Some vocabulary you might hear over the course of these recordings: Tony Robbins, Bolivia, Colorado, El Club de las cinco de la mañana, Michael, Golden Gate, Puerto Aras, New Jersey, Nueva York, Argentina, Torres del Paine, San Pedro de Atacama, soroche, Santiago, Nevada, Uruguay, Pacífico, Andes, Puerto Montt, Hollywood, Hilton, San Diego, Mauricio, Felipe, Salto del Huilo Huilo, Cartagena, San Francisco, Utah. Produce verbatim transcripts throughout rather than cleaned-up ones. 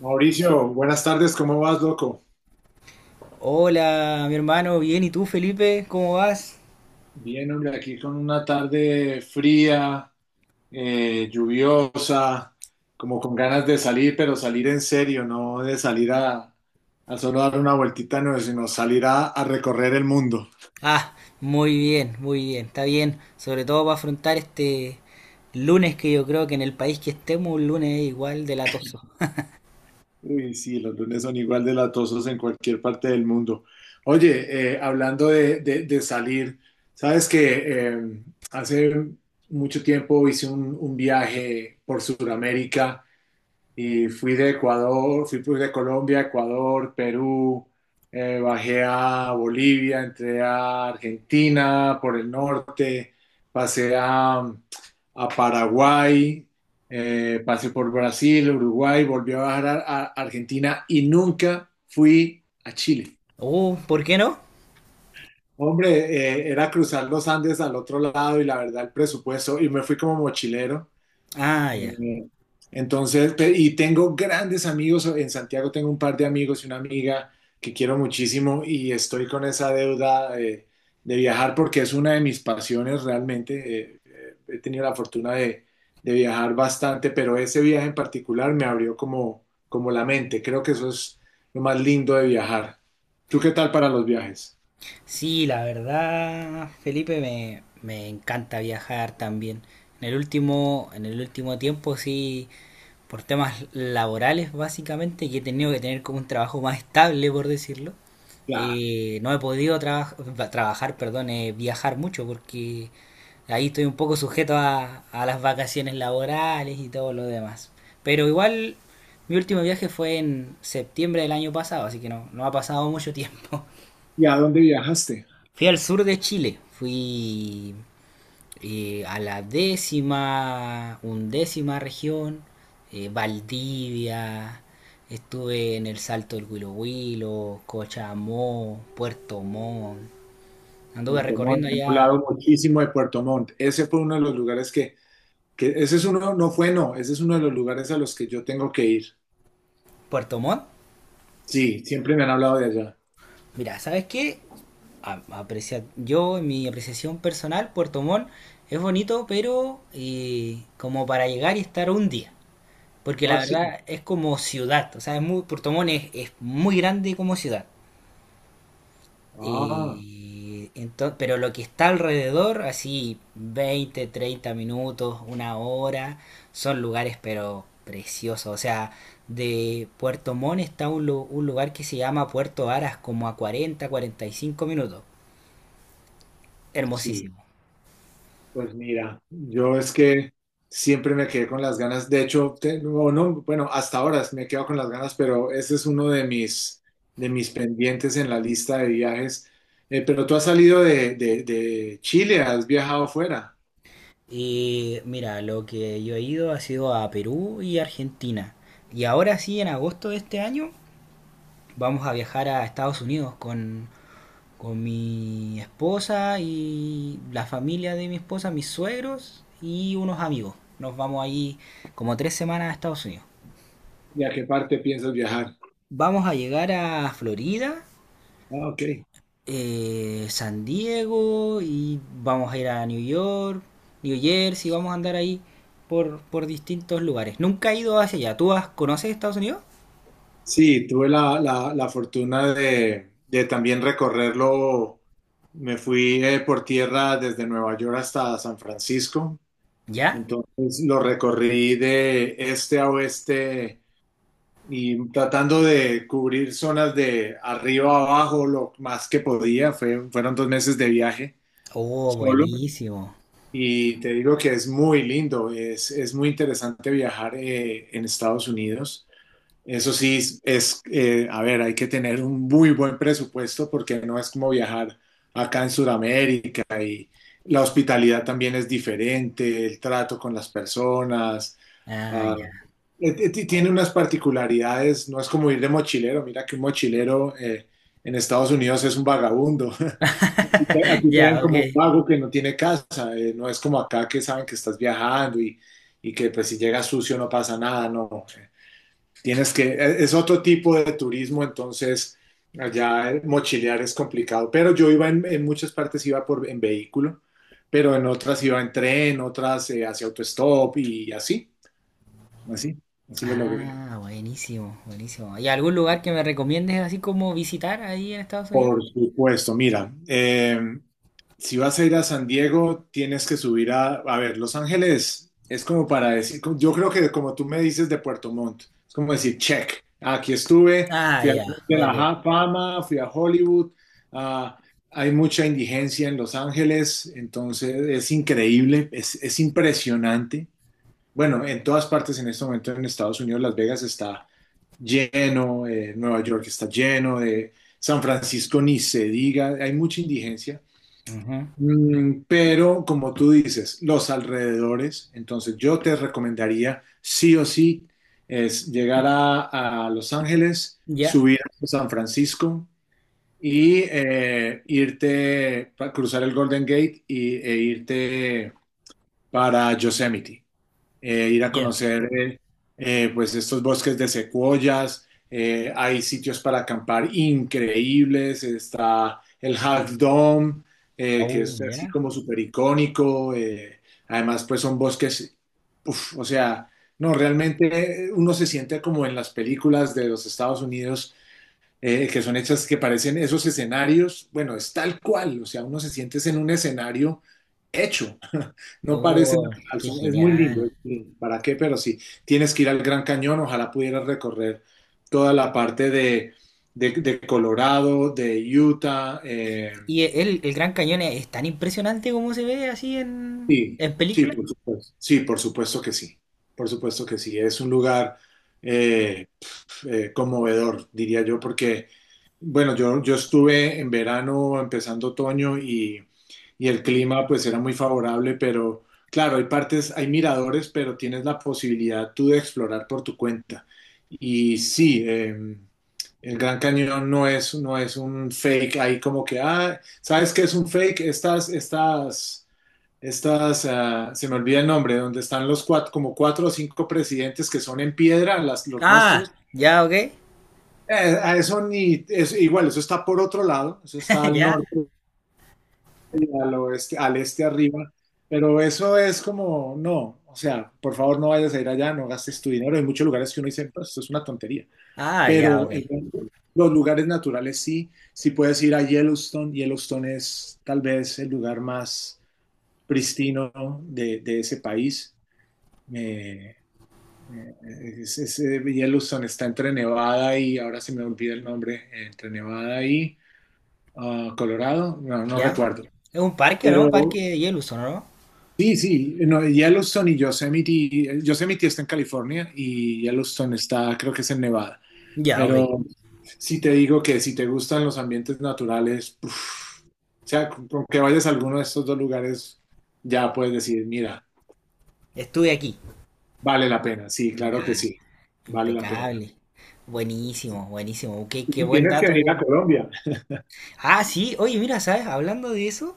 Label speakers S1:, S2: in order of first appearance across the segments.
S1: Mauricio, buenas tardes, ¿cómo vas, loco?
S2: Hola, mi hermano, bien, ¿y tú, Felipe? ¿Cómo vas?
S1: Bien, hombre, aquí con una tarde fría, eh, lluviosa, como con ganas de salir, pero salir en serio, no de salir a, a solo dar una vueltita, no, sino salir a, a recorrer el mundo.
S2: Ah, muy bien, muy bien, está bien, sobre todo para afrontar este lunes que yo creo que en el país que estemos, un lunes es igual de latoso.
S1: Uy, sí, los lunes son igual de latosos en cualquier parte del mundo. Oye, eh, hablando de, de- de salir, sabes que eh, hace mucho tiempo hice un, un viaje por Sudamérica. Y fui de Ecuador, fui pues de Colombia, Ecuador, Perú, eh, bajé a Bolivia, entré a Argentina por el norte, pasé a, a Paraguay, eh, pasé por Brasil, Uruguay, volví a bajar a, a Argentina y nunca fui a Chile.
S2: Oh, ¿por qué no?
S1: Hombre, eh, era cruzar los Andes al otro lado y la verdad el presupuesto, y me fui como mochilero.
S2: Ah, ya.
S1: Eh, entonces, pe- y tengo grandes amigos, en Santiago tengo un par de amigos y una amiga que quiero muchísimo y estoy con esa deuda eh, de viajar porque es una de mis pasiones realmente. Eh, eh, he tenido la fortuna de, de viajar bastante, pero ese viaje en particular me abrió como, como la mente. Creo que eso es lo más lindo de viajar. ¿Tú qué tal para los viajes?
S2: Sí, la verdad, Felipe, me, me encanta viajar también. En el último, en el último tiempo sí, por temas laborales básicamente, que he tenido que tener como un trabajo más estable, por decirlo.
S1: Claro.
S2: Eh, no he podido traba- trabajar, perdón, eh, viajar mucho porque ahí estoy un poco sujeto a, a las vacaciones laborales y todo lo demás. Pero igual mi último viaje fue en septiembre del año pasado, así que no, no ha pasado mucho tiempo.
S1: ¿Y a dónde viajaste?
S2: Fui al sur de Chile, fui eh, a la décima, undécima región, eh, Valdivia, estuve en el Salto del Huilo Huilo, Cochamó, Puerto Montt. Anduve
S1: Puerto Montt.
S2: recorriendo
S1: Hemos
S2: allá
S1: hablado muchísimo de Puerto Montt. Ese fue uno de los lugares que Que ese es uno, no fue no, ese es uno de los lugares a los que yo tengo que ir.
S2: Puerto Montt.
S1: Sí, siempre me han hablado de allá.
S2: Mira, ¿sabes qué? A- aprecia- yo, en mi apreciación personal, Puerto Montt es bonito, pero eh, como para llegar y estar un día. Porque la
S1: Ah, sí.
S2: verdad es como ciudad. O sea, es muy, Puerto Montt es, es muy grande como ciudad.
S1: Ah,
S2: Y entonces, pero lo que está alrededor, así veinte treinta minutos, una hora, son lugares pero preciosos. O sea, de Puerto Montt está un, lu- un lugar que se llama Puerto Aras, como a cuarenta cuarenta y cinco minutos.
S1: sí.
S2: Hermosísimo.
S1: Pues mira, yo es que siempre me quedé con las ganas. De hecho, te- no, no, bueno, hasta ahora me quedo con las ganas, pero ese es uno de mis, de mis pendientes en la lista de viajes. Eh, pero tú has salido de, de, de Chile, has viajado fuera.
S2: Y mira, lo que yo he ido ha sido a Perú y Argentina. Y ahora sí, en agosto de este año, vamos a viajar a Estados Unidos con, con mi esposa y la familia de mi esposa, mis suegros y unos amigos. Nos vamos ahí como tres semanas a Estados Unidos.
S1: ¿Y a qué parte piensas viajar?
S2: Vamos a llegar a Florida,
S1: Ah, ok.
S2: eh, San Diego y vamos a ir a New York, New Jersey, vamos a andar ahí por, por distintos lugares. Nunca he ido hacia allá. ¿Tú has- conoces Estados Unidos?
S1: Sí, tuve la, la- la fortuna de, de también recorrerlo. Me fui eh, por tierra desde Nueva York hasta San Francisco.
S2: ¿Ya?
S1: Entonces lo recorrí de este a oeste y tratando de cubrir zonas de arriba a abajo lo más que podía. Fue- fueron dos meses de viaje
S2: Oh,
S1: solo.
S2: buenísimo.
S1: Y te digo que es muy lindo, es, es muy interesante viajar eh, en Estados Unidos. Eso sí, es, es, eh, a ver, hay que tener un muy buen presupuesto porque no es como viajar acá en Sudamérica. La hospitalidad también es diferente, el trato con las personas,
S2: Ah,
S1: ah,
S2: ya.
S1: eh, eh, ti- tiene unas particularidades, no es como ir de mochilero, mira que un mochilero eh, en Estados Unidos es un vagabundo. Aquí te ven
S2: Ya, ok.
S1: como un vago que no tiene casa, eh, no es como acá que saben que estás viajando y, y que pues si llegas sucio no pasa nada, no. Tienes que, e, es otro tipo de turismo, entonces allá mochilear es complicado. Pero yo iba en, en muchas partes, iba por, en vehículo, pero en otras iba en tren, otras eh, hacia autostop y así, así, así lo logré.
S2: Ah, buenísimo, buenísimo. ¿Y algún lugar que me recomiendes así como visitar ahí en Estados Unidos?
S1: Por supuesto, mira, eh, si vas a ir a San Diego, tienes que subir a, a ver, Los Ángeles es como para decir, como- yo creo que como tú me dices de Puerto Montt, es como decir, check, aquí estuve,
S2: Ah,
S1: fui a
S2: ya,
S1: de la
S2: ok.
S1: Ja- Fama, fui a Hollywood, ah, hay mucha indigencia en Los Ángeles, entonces es increíble, es, es impresionante. Bueno, en todas partes en este momento en Estados Unidos, Las Vegas está lleno, eh, Nueva York está lleno, de San Francisco ni se diga, hay mucha indigencia.
S2: Ujú.
S1: Mm, pero como tú dices, los alrededores, entonces yo te recomendaría sí o sí es llegar a, a Los Ángeles,
S2: Ya.
S1: subir a San Francisco y eh, irte, pa- cruzar el Golden Gate y, e irte para Yosemite, eh, ir a
S2: Ya.
S1: conocer eh, eh, pues estos bosques de secuoyas, eh, hay sitios para acampar increíbles, está el Half Dome, eh, que
S2: Oh,
S1: es así
S2: ya.
S1: como súper icónico, eh, además pues son bosques, uf, o sea, no, realmente eh, uno se siente como en las películas de los Estados Unidos eh, que son hechas que parecen esos escenarios, bueno, es tal cual, o sea, uno se siente en un escenario hecho, no parece
S2: Oh,
S1: natural,
S2: qué
S1: son- es muy lindo,
S2: genial.
S1: es muy lindo. ¿Para qué? Pero sí, tienes que ir al Gran Cañón, ojalá pudieras recorrer toda la parte de, de- de Colorado, de Utah, eh,
S2: ¿Y el, el Gran Cañón es tan impresionante como se ve así en,
S1: sí,
S2: en
S1: sí,
S2: película?
S1: por supuesto, sí, por supuesto que sí, por supuesto que sí, es un lugar... eh, eh, conmovedor, diría yo, porque, bueno, yo, yo estuve en verano, empezando otoño y, y el clima pues era muy favorable, pero claro, hay partes, hay miradores, pero tienes la posibilidad tú de explorar por tu cuenta. Y sí, eh, el Gran Cañón no es, no es un fake ahí como que, ah, ¿sabes qué es un fake? Estas, estas, estas, ah, se me olvida el nombre, donde están los cuatro, como cuatro o cinco presidentes que son en piedra, las, los
S2: Ah,
S1: rostros,
S2: ya, ok.
S1: eh, a eso ni, es, igual, eso está por otro lado, eso está al
S2: Ya.
S1: norte, al oeste, al este arriba, pero eso es como, no, o sea, por favor no vayas a ir allá, no gastes tu dinero. Hay muchos lugares que uno dice, pues esto es una tontería,
S2: Ah, ya,
S1: pero
S2: ok.
S1: el- los lugares naturales sí, sí puedes ir a Yellowstone. Yellowstone es tal vez el lugar más pristino de, de ese país. Eh, eh, es- es- eh, Yellowstone está entre Nevada y, ahora se me olvida el nombre, entre Nevada y... ah, Colorado, no, no
S2: Ya.
S1: recuerdo.
S2: Es un parque, ¿o no?
S1: Pero
S2: Parque de Yellowstone, ¿o no?
S1: sí, sí, no, Yellowstone y Yosemite, Yosemite está en California y Yellowstone está, creo que es en Nevada.
S2: Ya, ok.
S1: Pero sí te digo que si te gustan los ambientes naturales, uf, o sea, con, con que vayas a alguno de estos dos lugares, ya puedes decir, mira,
S2: Estuve aquí.
S1: vale la pena. Sí, claro que
S2: Ya,
S1: sí, vale la pena.
S2: impecable. Buenísimo, buenísimo. Qué, qué
S1: Y
S2: buen
S1: tienes que venir a
S2: dato.
S1: Colombia.
S2: Ah, sí, oye, mira, ¿sabes? Hablando de eso,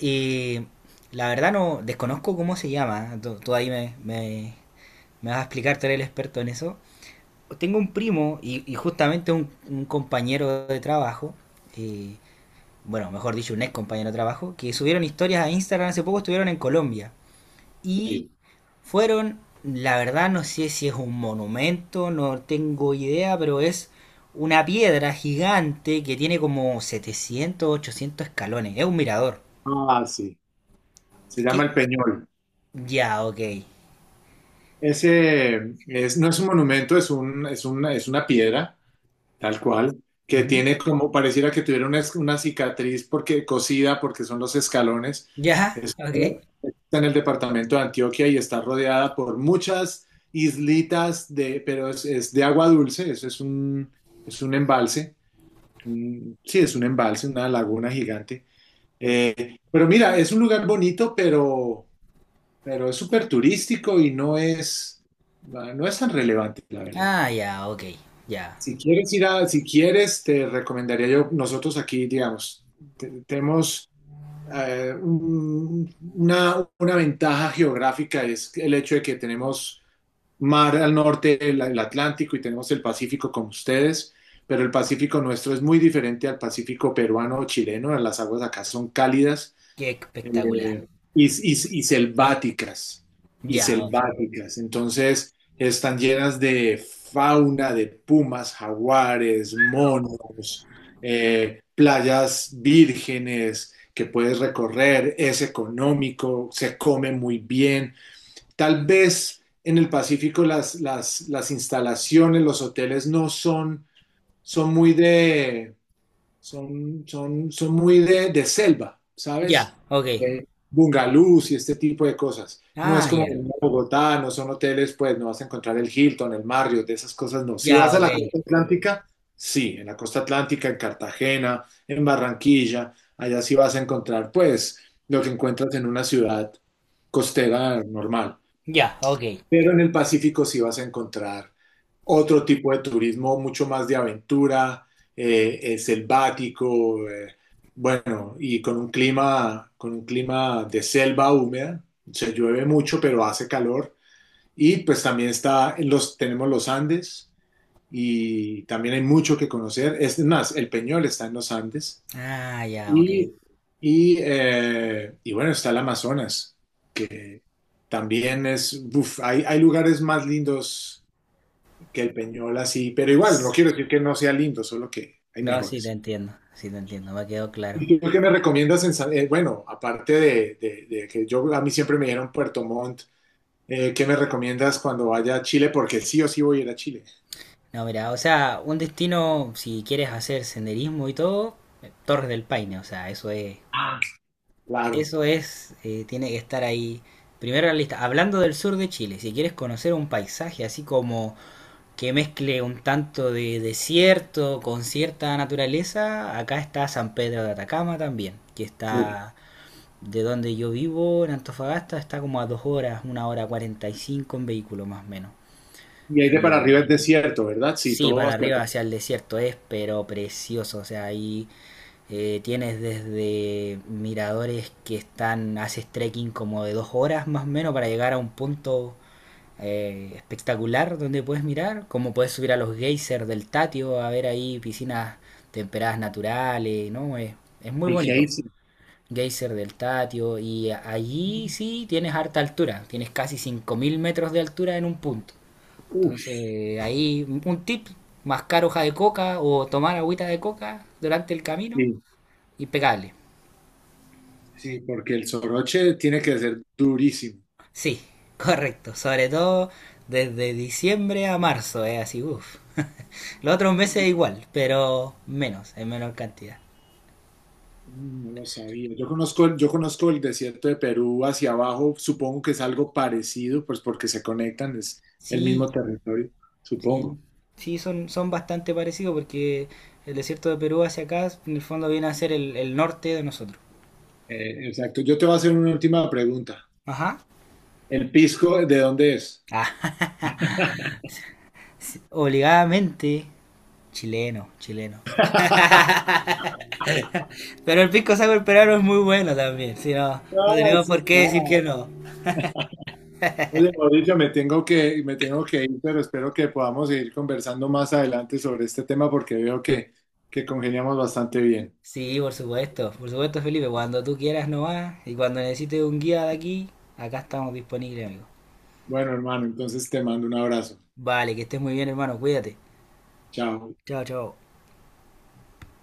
S2: eh, la verdad no desconozco cómo se llama. Tú, tú ahí me, me- me vas a explicar, tú eres el experto en eso. Tengo un primo y, y justamente un, un compañero de trabajo, eh, bueno, mejor dicho, un ex compañero de trabajo, que subieron historias a Instagram hace poco, estuvieron en Colombia y
S1: Sí.
S2: fueron, la verdad no sé si es un monumento, no tengo idea, pero es una piedra gigante que tiene como setecientos ochocientos escalones, es un mirador.
S1: Ah, sí. Se llama
S2: ¿Qué?
S1: El Peñol.
S2: Ya, ok.
S1: Ese es, no es un monumento, es un, es una, es una piedra, tal cual, que
S2: Ujú.
S1: tiene como pareciera que tuviera una, una cicatriz porque cosida, porque son los escalones.
S2: Ya,
S1: Es-
S2: ok.
S1: está en el departamento de Antioquia y está rodeada por muchas islitas de, pero es, es de agua dulce, eso es un, es un embalse, un- sí, es un embalse, una laguna gigante. Eh, pero mira, es un lugar bonito, pero pero es súper turístico y no es, no es tan relevante, la verdad.
S2: Ah, ya, ok, ya.
S1: Si quieres ir a, si quieres, te recomendaría yo, nosotros aquí, digamos, te- tenemos eh, un- una, una ventaja geográfica, es el hecho de que tenemos mar al norte, el, el Atlántico, y tenemos el Pacífico como ustedes, pero el Pacífico nuestro es muy diferente al Pacífico peruano o chileno, las aguas acá son cálidas,
S2: Qué espectacular.
S1: eh, y, y- y selváticas, y
S2: Ya, ok.
S1: selváticas. Entonces, están llenas de fauna, de pumas, jaguares, monos, eh, playas vírgenes que puedes recorrer, es económico, se come muy bien. Tal vez en el Pacífico las, las, las instalaciones, los hoteles no son, son muy de son, son, son muy de, de selva,
S2: Ya,
S1: ¿sabes?
S2: ok.
S1: Eh, bungalús y este tipo de cosas. No es
S2: Ah,
S1: como
S2: ya.
S1: venir a Bogotá, no son hoteles, pues no vas a encontrar el Hilton, el Marriott, de esas cosas, no. Si vas
S2: Ya,
S1: a
S2: ok.
S1: la costa atlántica, sí, en la costa atlántica, en Cartagena, en Barranquilla, allá sí vas a encontrar, pues, lo que encuentras en una ciudad costera normal.
S2: Ya, ok.
S1: Pero en el Pacífico sí vas a encontrar otro tipo de turismo, mucho más de aventura, eh, eh, selvático, eh, bueno, y con un clima, con un clima de selva húmeda. Se llueve mucho, pero hace calor. Y pues también está en los, tenemos los Andes y también hay mucho que conocer. Es más, el Peñol está en los Andes.
S2: Ah, ya, ok.
S1: Y, y, eh, y bueno, está el Amazonas, que también es, uf, hay, hay lugares más lindos que el Peñol, así, pero igual, no
S2: S-
S1: quiero decir que no sea lindo, solo que hay
S2: No, sí te
S1: mejores.
S2: entiendo, sí te entiendo, me quedó claro.
S1: ¿Y tú qué me recomiendas en San- eh, bueno, aparte de, de- de que yo, a mí siempre me dieron Puerto Montt, eh, ¿qué me recomiendas cuando vaya a Chile? Porque sí o sí voy a ir a Chile.
S2: No, mira, o sea, un destino, si quieres hacer senderismo y todo, eh, Torres del Paine, o sea, eso es,
S1: Ah, claro.
S2: eso es, eh, tiene que estar ahí. Primero en la lista, hablando del sur de Chile, si quieres conocer un paisaje así como que mezcle un tanto de desierto con cierta naturaleza, acá está San Pedro de Atacama también, que
S1: Uf.
S2: está de donde yo vivo, en Antofagasta, está como a dos horas, una hora cuarenta y cinco en vehículo más o
S1: Y ahí de para arriba
S2: menos.
S1: es desierto, ¿verdad? Sí,
S2: Sí,
S1: todo
S2: para
S1: hacia...
S2: arriba hacia el desierto es, pero precioso. O sea, ahí eh, tienes desde miradores que están, haces trekking como de dos horas más o menos para llegar a un punto eh, espectacular donde puedes mirar, como puedes subir a los geysers del Tatio a ver ahí piscinas temperadas naturales, ¿no? Es, es muy
S1: Y
S2: bonito.
S1: Geysir.
S2: Geyser del Tatio y allí sí tienes harta altura, tienes casi cinco mil metros de altura en un punto.
S1: Uf,
S2: Entonces, ahí un tip, mascar hoja de coca o tomar agüita de coca durante el camino,
S1: sí.
S2: impecable.
S1: Sí, porque el soroche tiene que ser durísimo.
S2: Sí, correcto, sobre todo desde diciembre a marzo, es así, uff. Los otros meses igual, pero menos, en menor cantidad.
S1: Mm, no lo sabía. Yo conozco, el- yo conozco el desierto de Perú hacia abajo, supongo que es algo parecido, pues porque se conectan, es el mismo
S2: Sí,
S1: territorio,
S2: sí,
S1: supongo.
S2: sí, son, son bastante parecidos porque el desierto de Perú hacia acá, en el fondo viene a ser el, el norte de nosotros.
S1: Eh, exacto. Yo te voy a hacer una última pregunta.
S2: Ajá.
S1: ¿El pisco de dónde es?
S2: Ah, sí, obligadamente, chileno, chileno. Pero el pisco sour peruano es muy bueno también, si no, no
S1: Ah,
S2: tenemos
S1: sí,
S2: por qué decir
S1: claro.
S2: que no.
S1: Oye, Mauricio, me tengo que, me tengo que ir, pero espero que podamos seguir conversando más adelante sobre este tema porque veo que, que congeniamos bastante bien.
S2: Sí, por supuesto, por supuesto Felipe, cuando tú quieras nomás y cuando necesites un guía de aquí, acá estamos disponibles, amigo.
S1: Bueno, hermano, entonces te mando un abrazo.
S2: Vale, que estés muy bien, hermano, cuídate.
S1: Chao.
S2: Chao, chao.